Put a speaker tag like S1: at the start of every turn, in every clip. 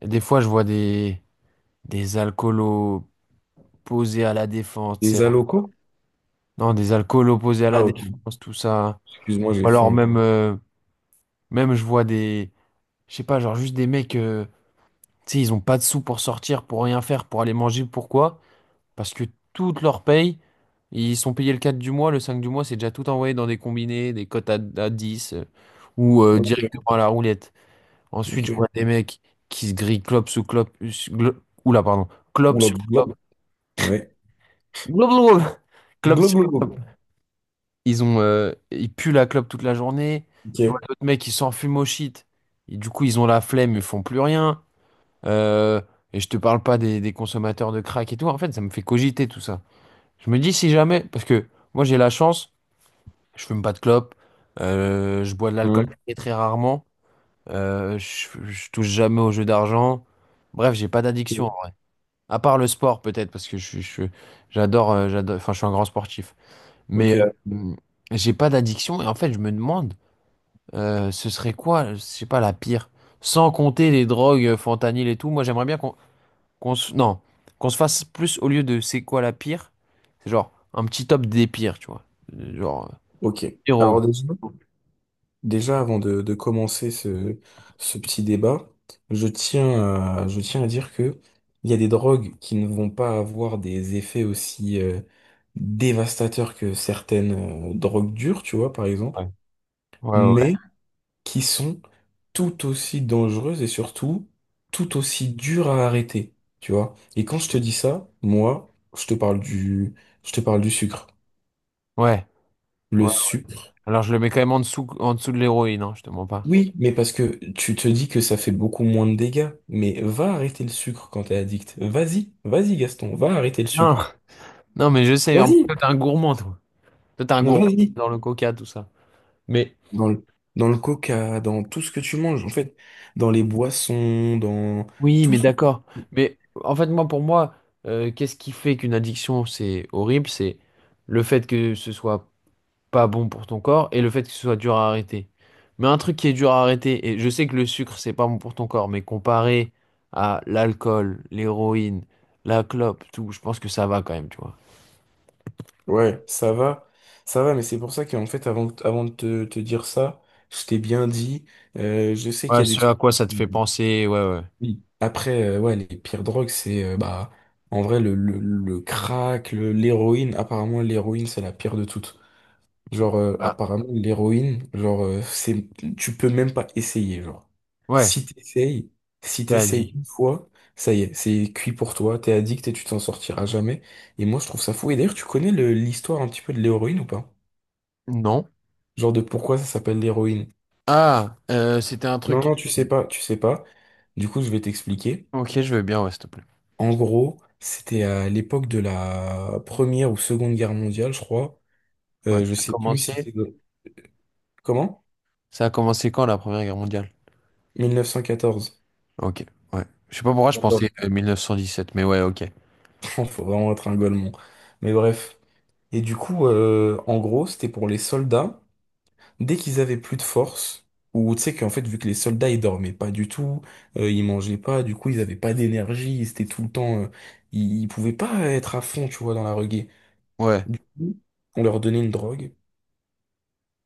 S1: Et des fois, je vois des alcoolos posés à la défense, tu
S2: Des
S1: sais,
S2: allocaux?
S1: non, des alcoolos posés à
S2: Ah,
S1: la
S2: ok.
S1: défense, tout ça.
S2: Excuse-moi,
S1: Ou
S2: j'ai
S1: alors
S2: faim.
S1: même, même je vois des, je sais pas, genre juste des mecs, tu sais, ils ont pas de sous pour sortir, pour rien faire, pour aller manger. Pourquoi? Parce que toute leur paye, ils sont payés le 4 du mois, le 5 du mois, c'est déjà tout envoyé dans des combinés, des cotes à 10, ou directement
S2: Ok,
S1: à la roulette. Ensuite, je
S2: ok.
S1: vois des mecs qui se grillent clope sous clope, oula, pardon. Clope
S2: Oula,
S1: sur
S2: glock. Ouais.
S1: clope. Club
S2: Glock,
S1: sur
S2: glock, glock.
S1: club. Ils puent la clope toute la journée.
S2: Ok.
S1: Je vois d'autres mecs qui s'en fument au shit. Et du coup, ils ont la flemme, ils font plus rien. Euh, et je te parle pas des consommateurs de crack et tout. En fait, ça me fait cogiter tout ça. Je me dis si jamais, parce que moi j'ai la chance, je fume pas de clope, je bois de l'alcool
S2: Hmm.
S1: très, très rarement, je touche jamais aux jeux d'argent. Bref, j'ai pas d'addiction, en
S2: Ok,
S1: vrai. À part le sport peut-être, parce que j'adore, j'adore, enfin, je suis un grand sportif. Mais
S2: ok.
S1: euh, j'ai pas d'addiction et en fait, je me demande, ce serait quoi, je sais pas, la pire. Sans compter les drogues, fentanyl et tout, moi j'aimerais bien qu'on se, non, qu'on se fasse plus au lieu de c'est quoi la pire, c'est genre un petit top des pires, tu vois. Genre,
S2: Ok.
S1: héros.
S2: Alors, déjà, déjà, avant de commencer ce, ce petit débat, je tiens je tiens à dire que il y a des drogues qui ne vont pas avoir des effets aussi dévastateurs que certaines drogues dures, tu vois, par
S1: Ouais,
S2: exemple.
S1: ouais, ouais.
S2: Mais qui sont tout aussi dangereuses et surtout tout aussi dures à arrêter, tu vois. Et quand je te dis ça, moi, je te parle je te parle du sucre.
S1: Ouais,
S2: Le
S1: ouais.
S2: sucre.
S1: Alors je le mets quand même en dessous de l'héroïne, hein, je te mens pas.
S2: Oui, mais parce que tu te dis que ça fait beaucoup moins de dégâts, mais va arrêter le sucre quand t'es addict. Vas-y, vas-y Gaston, va arrêter le
S1: Non,
S2: sucre.
S1: non, mais je sais, en
S2: Vas-y,
S1: plus, toi t'es un gourmand, toi. Toi t'es un gourmand
S2: vas-y.
S1: dans le coca, tout ça. Mais.
S2: Dans le, dans le coca, dans tout ce que tu manges, en fait, dans les boissons, dans
S1: Oui,
S2: tout.
S1: mais d'accord. Mais en fait, moi, pour moi, qu'est-ce qui fait qu'une addiction, c'est horrible? C'est le fait que ce soit pas bon pour ton corps et le fait que ce soit dur à arrêter. Mais un truc qui est dur à arrêter, et je sais que le sucre, c'est pas bon pour ton corps, mais comparé à l'alcool, l'héroïne, la clope, tout, je pense que ça va quand même, tu vois.
S2: Ouais, ça va, mais c'est pour ça qu'en fait, avant, avant de te dire ça, je t'ai bien dit, je sais qu'il y
S1: Ouais,
S2: a des
S1: ce à
S2: trucs.
S1: quoi ça te fait penser, ouais, ouais.
S2: Oui. Après, ouais, les pires drogues, c'est bah, en vrai, le crack, l'héroïne, apparemment, l'héroïne, c'est la pire de toutes. Genre,
S1: Ah,
S2: apparemment, l'héroïne, genre, c'est, tu peux même pas essayer, genre.
S1: ouais,
S2: Si t'essayes, si
S1: t'as
S2: t'essayes
S1: dit.
S2: une fois, ça y est, c'est cuit pour toi, t'es addict et tu t'en sortiras jamais. Et moi, je trouve ça fou. Et d'ailleurs, tu connais l'histoire un petit peu de l'héroïne ou pas?
S1: Non.
S2: Genre de pourquoi ça s'appelle l'héroïne?
S1: Ah, c'était un
S2: Non,
S1: truc.
S2: non, tu sais pas, tu sais pas. Du coup, je vais t'expliquer.
S1: Ok, je veux bien, ouais, s'il te plaît.
S2: En gros, c'était à l'époque de la Première ou Seconde Guerre mondiale, je crois.
S1: Ouais.
S2: Je sais plus, si
S1: Commencer.
S2: c'était... Comment?
S1: Ça a commencé quand la Première Guerre mondiale?
S2: 1914.
S1: Ok, ouais. Je sais pas pourquoi je pensais 1917, mais ouais, ok.
S2: Faut vraiment être un golemon. Mais bref. Et du coup, en gros, c'était pour les soldats. Dès qu'ils avaient plus de force, ou tu sais qu'en fait, vu que les soldats, ils dormaient pas du tout, ils mangeaient pas, du coup, ils avaient pas d'énergie, ils étaient tout le temps, ils pouvaient pas être à fond, tu vois, dans la reggae.
S1: Ouais,
S2: On leur donnait une drogue,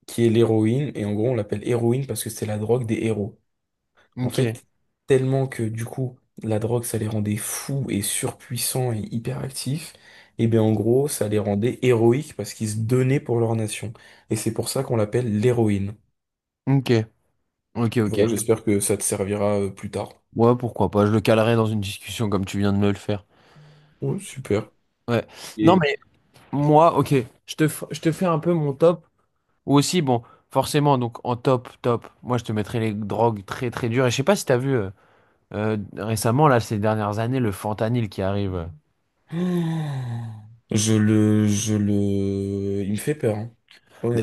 S2: qui est l'héroïne, et en gros, on l'appelle héroïne parce que c'est la drogue des héros. En
S1: ok,
S2: fait, tellement que du coup, la drogue, ça les rendait fous et surpuissants et hyperactifs, et bien en gros, ça les rendait héroïques parce qu'ils se donnaient pour leur nation. Et c'est pour ça qu'on l'appelle l'héroïne.
S1: ok, ok, ok.
S2: Voilà, j'espère que ça te servira plus tard.
S1: Ouais, pourquoi pas, je le calerai dans une discussion comme tu viens de me le faire.
S2: Ouais, super.
S1: Ouais. Non,
S2: Et
S1: mais moi, ok, je te fais un peu mon top. Ou aussi, bon, forcément, donc en top, top, moi je te mettrai les drogues très très dures. Et je sais pas si t'as vu récemment, là, ces dernières années, le fentanyl qui arrive.
S2: je le, il me fait peur, hein.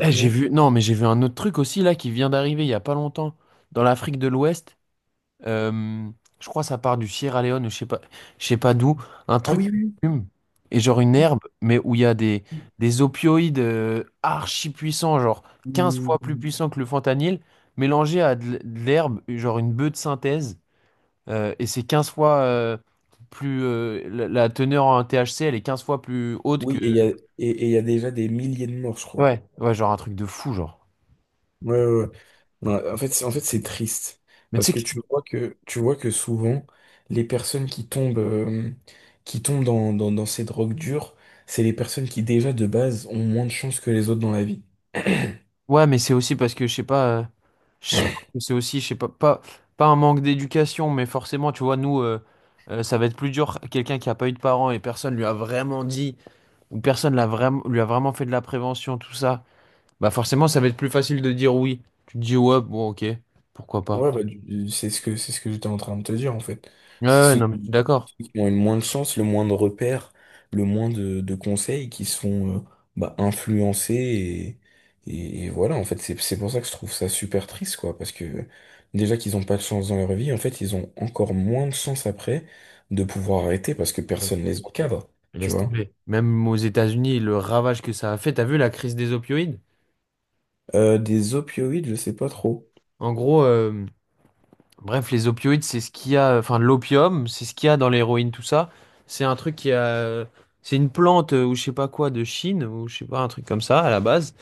S1: Eh, j'ai vu, non, mais j'ai vu un autre truc aussi, là, qui vient d'arriver il y a pas longtemps, dans l'Afrique de l'Ouest. Euh, je crois que ça part du Sierra Leone, je sais pas d'où, un
S2: Ah
S1: truc
S2: oui,
S1: qui
S2: oui.
S1: fume et genre une herbe, mais où il y a des,
S2: Oui.
S1: des opioïdes archi puissants, genre
S2: Oui,
S1: 15 fois
S2: oui,
S1: plus
S2: oui.
S1: puissants que le fentanyl, mélangés à de l'herbe, genre une bœuf de synthèse, et c'est 15 fois plus la teneur en THC, elle est 15 fois plus haute que
S2: Oui, et il y a déjà des milliers de morts, je crois.
S1: ouais, ouais, genre un truc de fou, genre.
S2: Ouais, ouais, ouais. Ouais, en fait, en fait, c'est triste
S1: Mais tu
S2: parce
S1: sais
S2: que
S1: que,
S2: tu vois que tu vois que souvent les personnes qui tombent dans ces drogues dures, c'est les personnes qui déjà de base ont moins de chance que les autres dans la vie.
S1: ouais, mais c'est aussi parce que, je sais pas, je pense que c'est aussi, je sais pas, un manque d'éducation, mais forcément, tu vois, nous, ça va être plus dur. Quelqu'un qui a pas eu de parents et personne lui a vraiment dit, ou personne l'a vraiment, lui a vraiment fait de la prévention, tout ça, bah forcément, ça va être plus facile de dire oui. Tu te dis, ouais, bon, ok, pourquoi pas.
S2: Ouais, bah, c'est ce que j'étais en train de te dire, en fait.
S1: Ouais,
S2: C'est
S1: ouais, non, mais je suis d'accord.
S2: ceux qui ont le moins de chance, le moins de repères, le moins de conseils qui sont bah, influencés et voilà, en fait, c'est pour ça que je trouve ça super triste, quoi, parce que déjà qu'ils ont pas de chance dans leur vie, en fait, ils ont encore moins de chance après de pouvoir arrêter parce que
S1: Ouais.
S2: personne les encadre,
S1: Mais
S2: tu
S1: laisse
S2: vois.
S1: tomber. Même aux États-Unis, le ravage que ça a fait, t'as vu la crise des opioïdes?
S2: Des opioïdes, je sais pas trop.
S1: En gros, bref, les opioïdes, c'est ce qu'il y a, enfin l'opium, c'est ce qu'il y a dans l'héroïne, tout ça. C'est un truc qui a, C'est une plante ou je sais pas quoi de Chine ou je sais pas un truc comme ça à la base.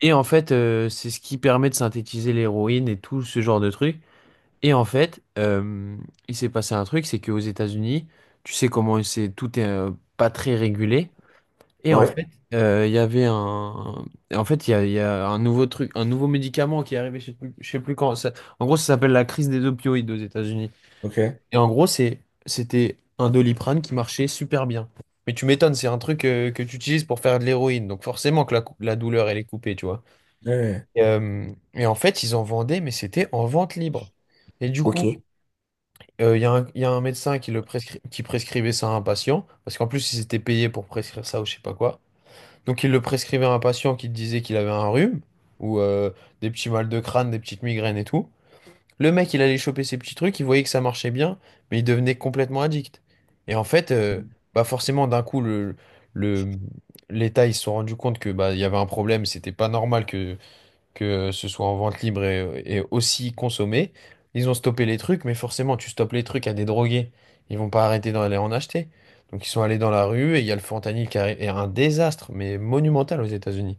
S1: Et en fait, c'est ce qui permet de synthétiser l'héroïne et tout ce genre de trucs. Et en fait, il s'est passé un truc, c'est qu'aux États-Unis, tu sais comment c'est, tout est pas très régulé. Et en
S2: Ouais.
S1: fait, il y avait un, en fait, il y a un nouveau truc, un nouveau médicament qui est arrivé, je sais plus quand. En gros, ça s'appelle la crise des opioïdes aux États-Unis.
S2: Ok.
S1: Et en gros, c'était un Doliprane qui marchait super bien. Mais tu m'étonnes, c'est un truc que tu utilises pour faire de l'héroïne, donc forcément que la douleur elle est coupée, tu vois.
S2: Ouais.
S1: Et, euh, et en fait, ils en vendaient, mais c'était en vente libre. Et du
S2: Ok.
S1: coup, il y a un médecin qui qui prescrivait ça à un patient, parce qu'en plus, ils étaient payés pour prescrire ça ou je sais pas quoi. Donc, il le prescrivait à un patient qui te disait qu'il avait un rhume, ou des petits mal de crâne, des petites migraines et tout. Le mec, il allait choper ses petits trucs, il voyait que ça marchait bien, mais il devenait complètement addict. Et en fait, bah forcément, d'un coup, le, l'État, ils se sont rendus compte que bah, il y avait un problème, c'était pas normal que ce soit en vente libre et aussi consommé. Ils ont stoppé les trucs, mais forcément, tu stoppes les trucs à des drogués. Ils vont pas arrêter d'aller en acheter. Donc ils sont allés dans la rue et il y a le fentanyl qui est un désastre, mais monumental aux États-Unis.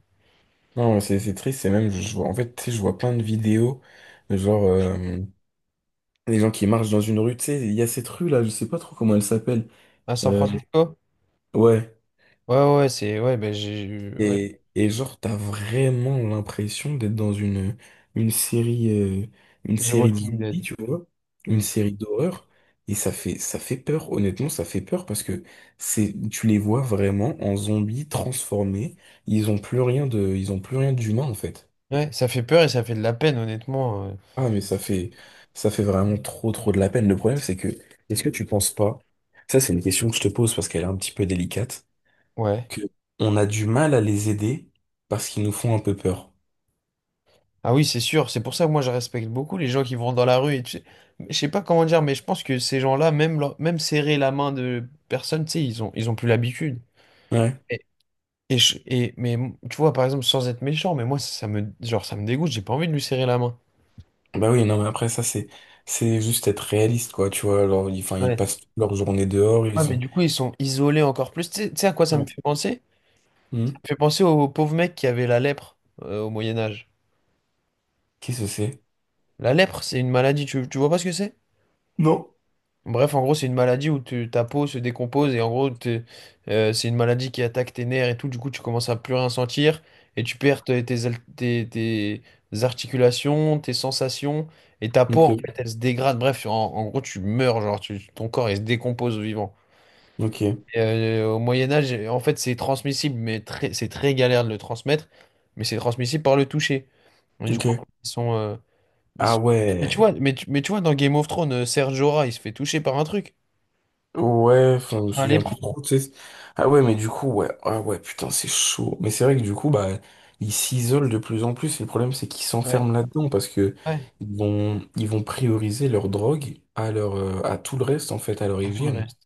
S2: Non, c'est triste, c'est même, je vois, en fait, tu sais, je vois plein de vidéos, de genre, les gens qui marchent dans une rue, tu sais, il y a cette rue-là, je sais pas trop comment elle s'appelle.
S1: À San
S2: Euh,
S1: Francisco?
S2: ouais.
S1: Ouais, ouais, ouais, c'est, ouais, ben j'ai, ouais,
S2: Et genre, t'as vraiment l'impression d'être dans une série, euh, une
S1: The
S2: série de
S1: Walking
S2: zombies,
S1: Dead.
S2: tu vois, une
S1: Mm.
S2: série d'horreur. Et ça fait peur, honnêtement, ça fait peur parce que c'est, tu les vois vraiment en zombies transformés. Ils ont plus rien d'humain, en fait.
S1: Ouais, ça fait peur et ça fait de la peine, honnêtement.
S2: Ah, mais ça fait vraiment trop, trop de la peine. Le problème, c'est que, est-ce que tu penses pas, ça, c'est une question que je te pose parce qu'elle est un petit peu délicate,
S1: Ouais.
S2: que on a du mal à les aider parce qu'ils nous font un peu peur.
S1: Ah oui, c'est sûr, c'est pour ça que moi je respecte beaucoup les gens qui vont dans la rue et tu sais, je sais pas comment dire, mais je pense que ces gens-là, même, même serrer la main de personne, tu sais, ils ont plus l'habitude.
S2: Ouais.
S1: Et, Tu vois, par exemple, sans être méchant, mais moi ça, genre, ça me dégoûte, j'ai pas envie de lui serrer la main.
S2: Bah oui, non, mais après, ça, c'est juste être réaliste, quoi, tu vois. Alors, ils, enfin, ils
S1: Ouais.
S2: passent toute leur journée dehors,
S1: Ouais,
S2: ils
S1: mais
S2: ont.
S1: du coup, ils sont isolés encore plus. Tu sais à quoi ça me
S2: Ouais.
S1: fait penser?
S2: Hmm.
S1: Ça me fait penser aux pauvres mecs qui avaient la lèpre au Moyen Âge.
S2: Qui ce c'est?
S1: La lèpre, c'est une maladie, tu vois pas ce que c'est?
S2: Non.
S1: Bref, en gros, c'est une maladie où ta peau se décompose et en gros, c'est une maladie qui attaque tes nerfs et tout. Du coup, tu commences à plus rien sentir et tu perds tes articulations, tes sensations et ta peau,
S2: Ok,
S1: en fait, elle se dégrade. Bref, en gros, tu meurs, ton corps, il se décompose au vivant.
S2: ok,
S1: Au Moyen-Âge, en fait, c'est transmissible, mais c'est très galère de le transmettre, mais c'est transmissible par le toucher. Et du coup,
S2: ok.
S1: ils sont, euh, ils
S2: Ah
S1: sont- mais tu
S2: ouais.
S1: vois, mais tu vois, dans Game of Thrones, Ser Jorah, il se fait toucher par un truc.
S2: Ouais, enfin, je me
S1: Un
S2: souviens
S1: lépreux.
S2: plus trop, tu sais. Ah ouais, mais du coup, ouais. Ah ouais, putain, c'est chaud. Mais c'est vrai que du coup, bah, ils s'isolent de plus en plus. Et le problème, c'est qu'ils
S1: Ouais.
S2: s'enferment là-dedans parce que
S1: Ouais,
S2: ils vont prioriser leur drogue à leur, à tout le reste, en fait, à leur
S1: à tout le
S2: hygiène.
S1: reste.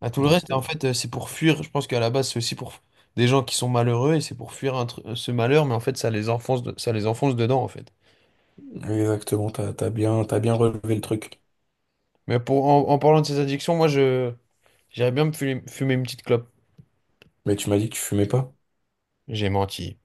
S1: À tout le
S2: Donc,
S1: reste, et en fait, c'est pour fuir. Je pense qu'à la base, c'est aussi pour des gens qui sont malheureux et c'est pour fuir ce malheur, mais en fait, ça les enfonce, ça les enfonce dedans, en fait.
S2: exactement, t'as, t'as bien relevé le truc.
S1: Mais en parlant de ces addictions, moi, j'irais bien me fumer, fumer une petite clope.
S2: Mais tu m'as dit que tu fumais pas.
S1: J'ai menti.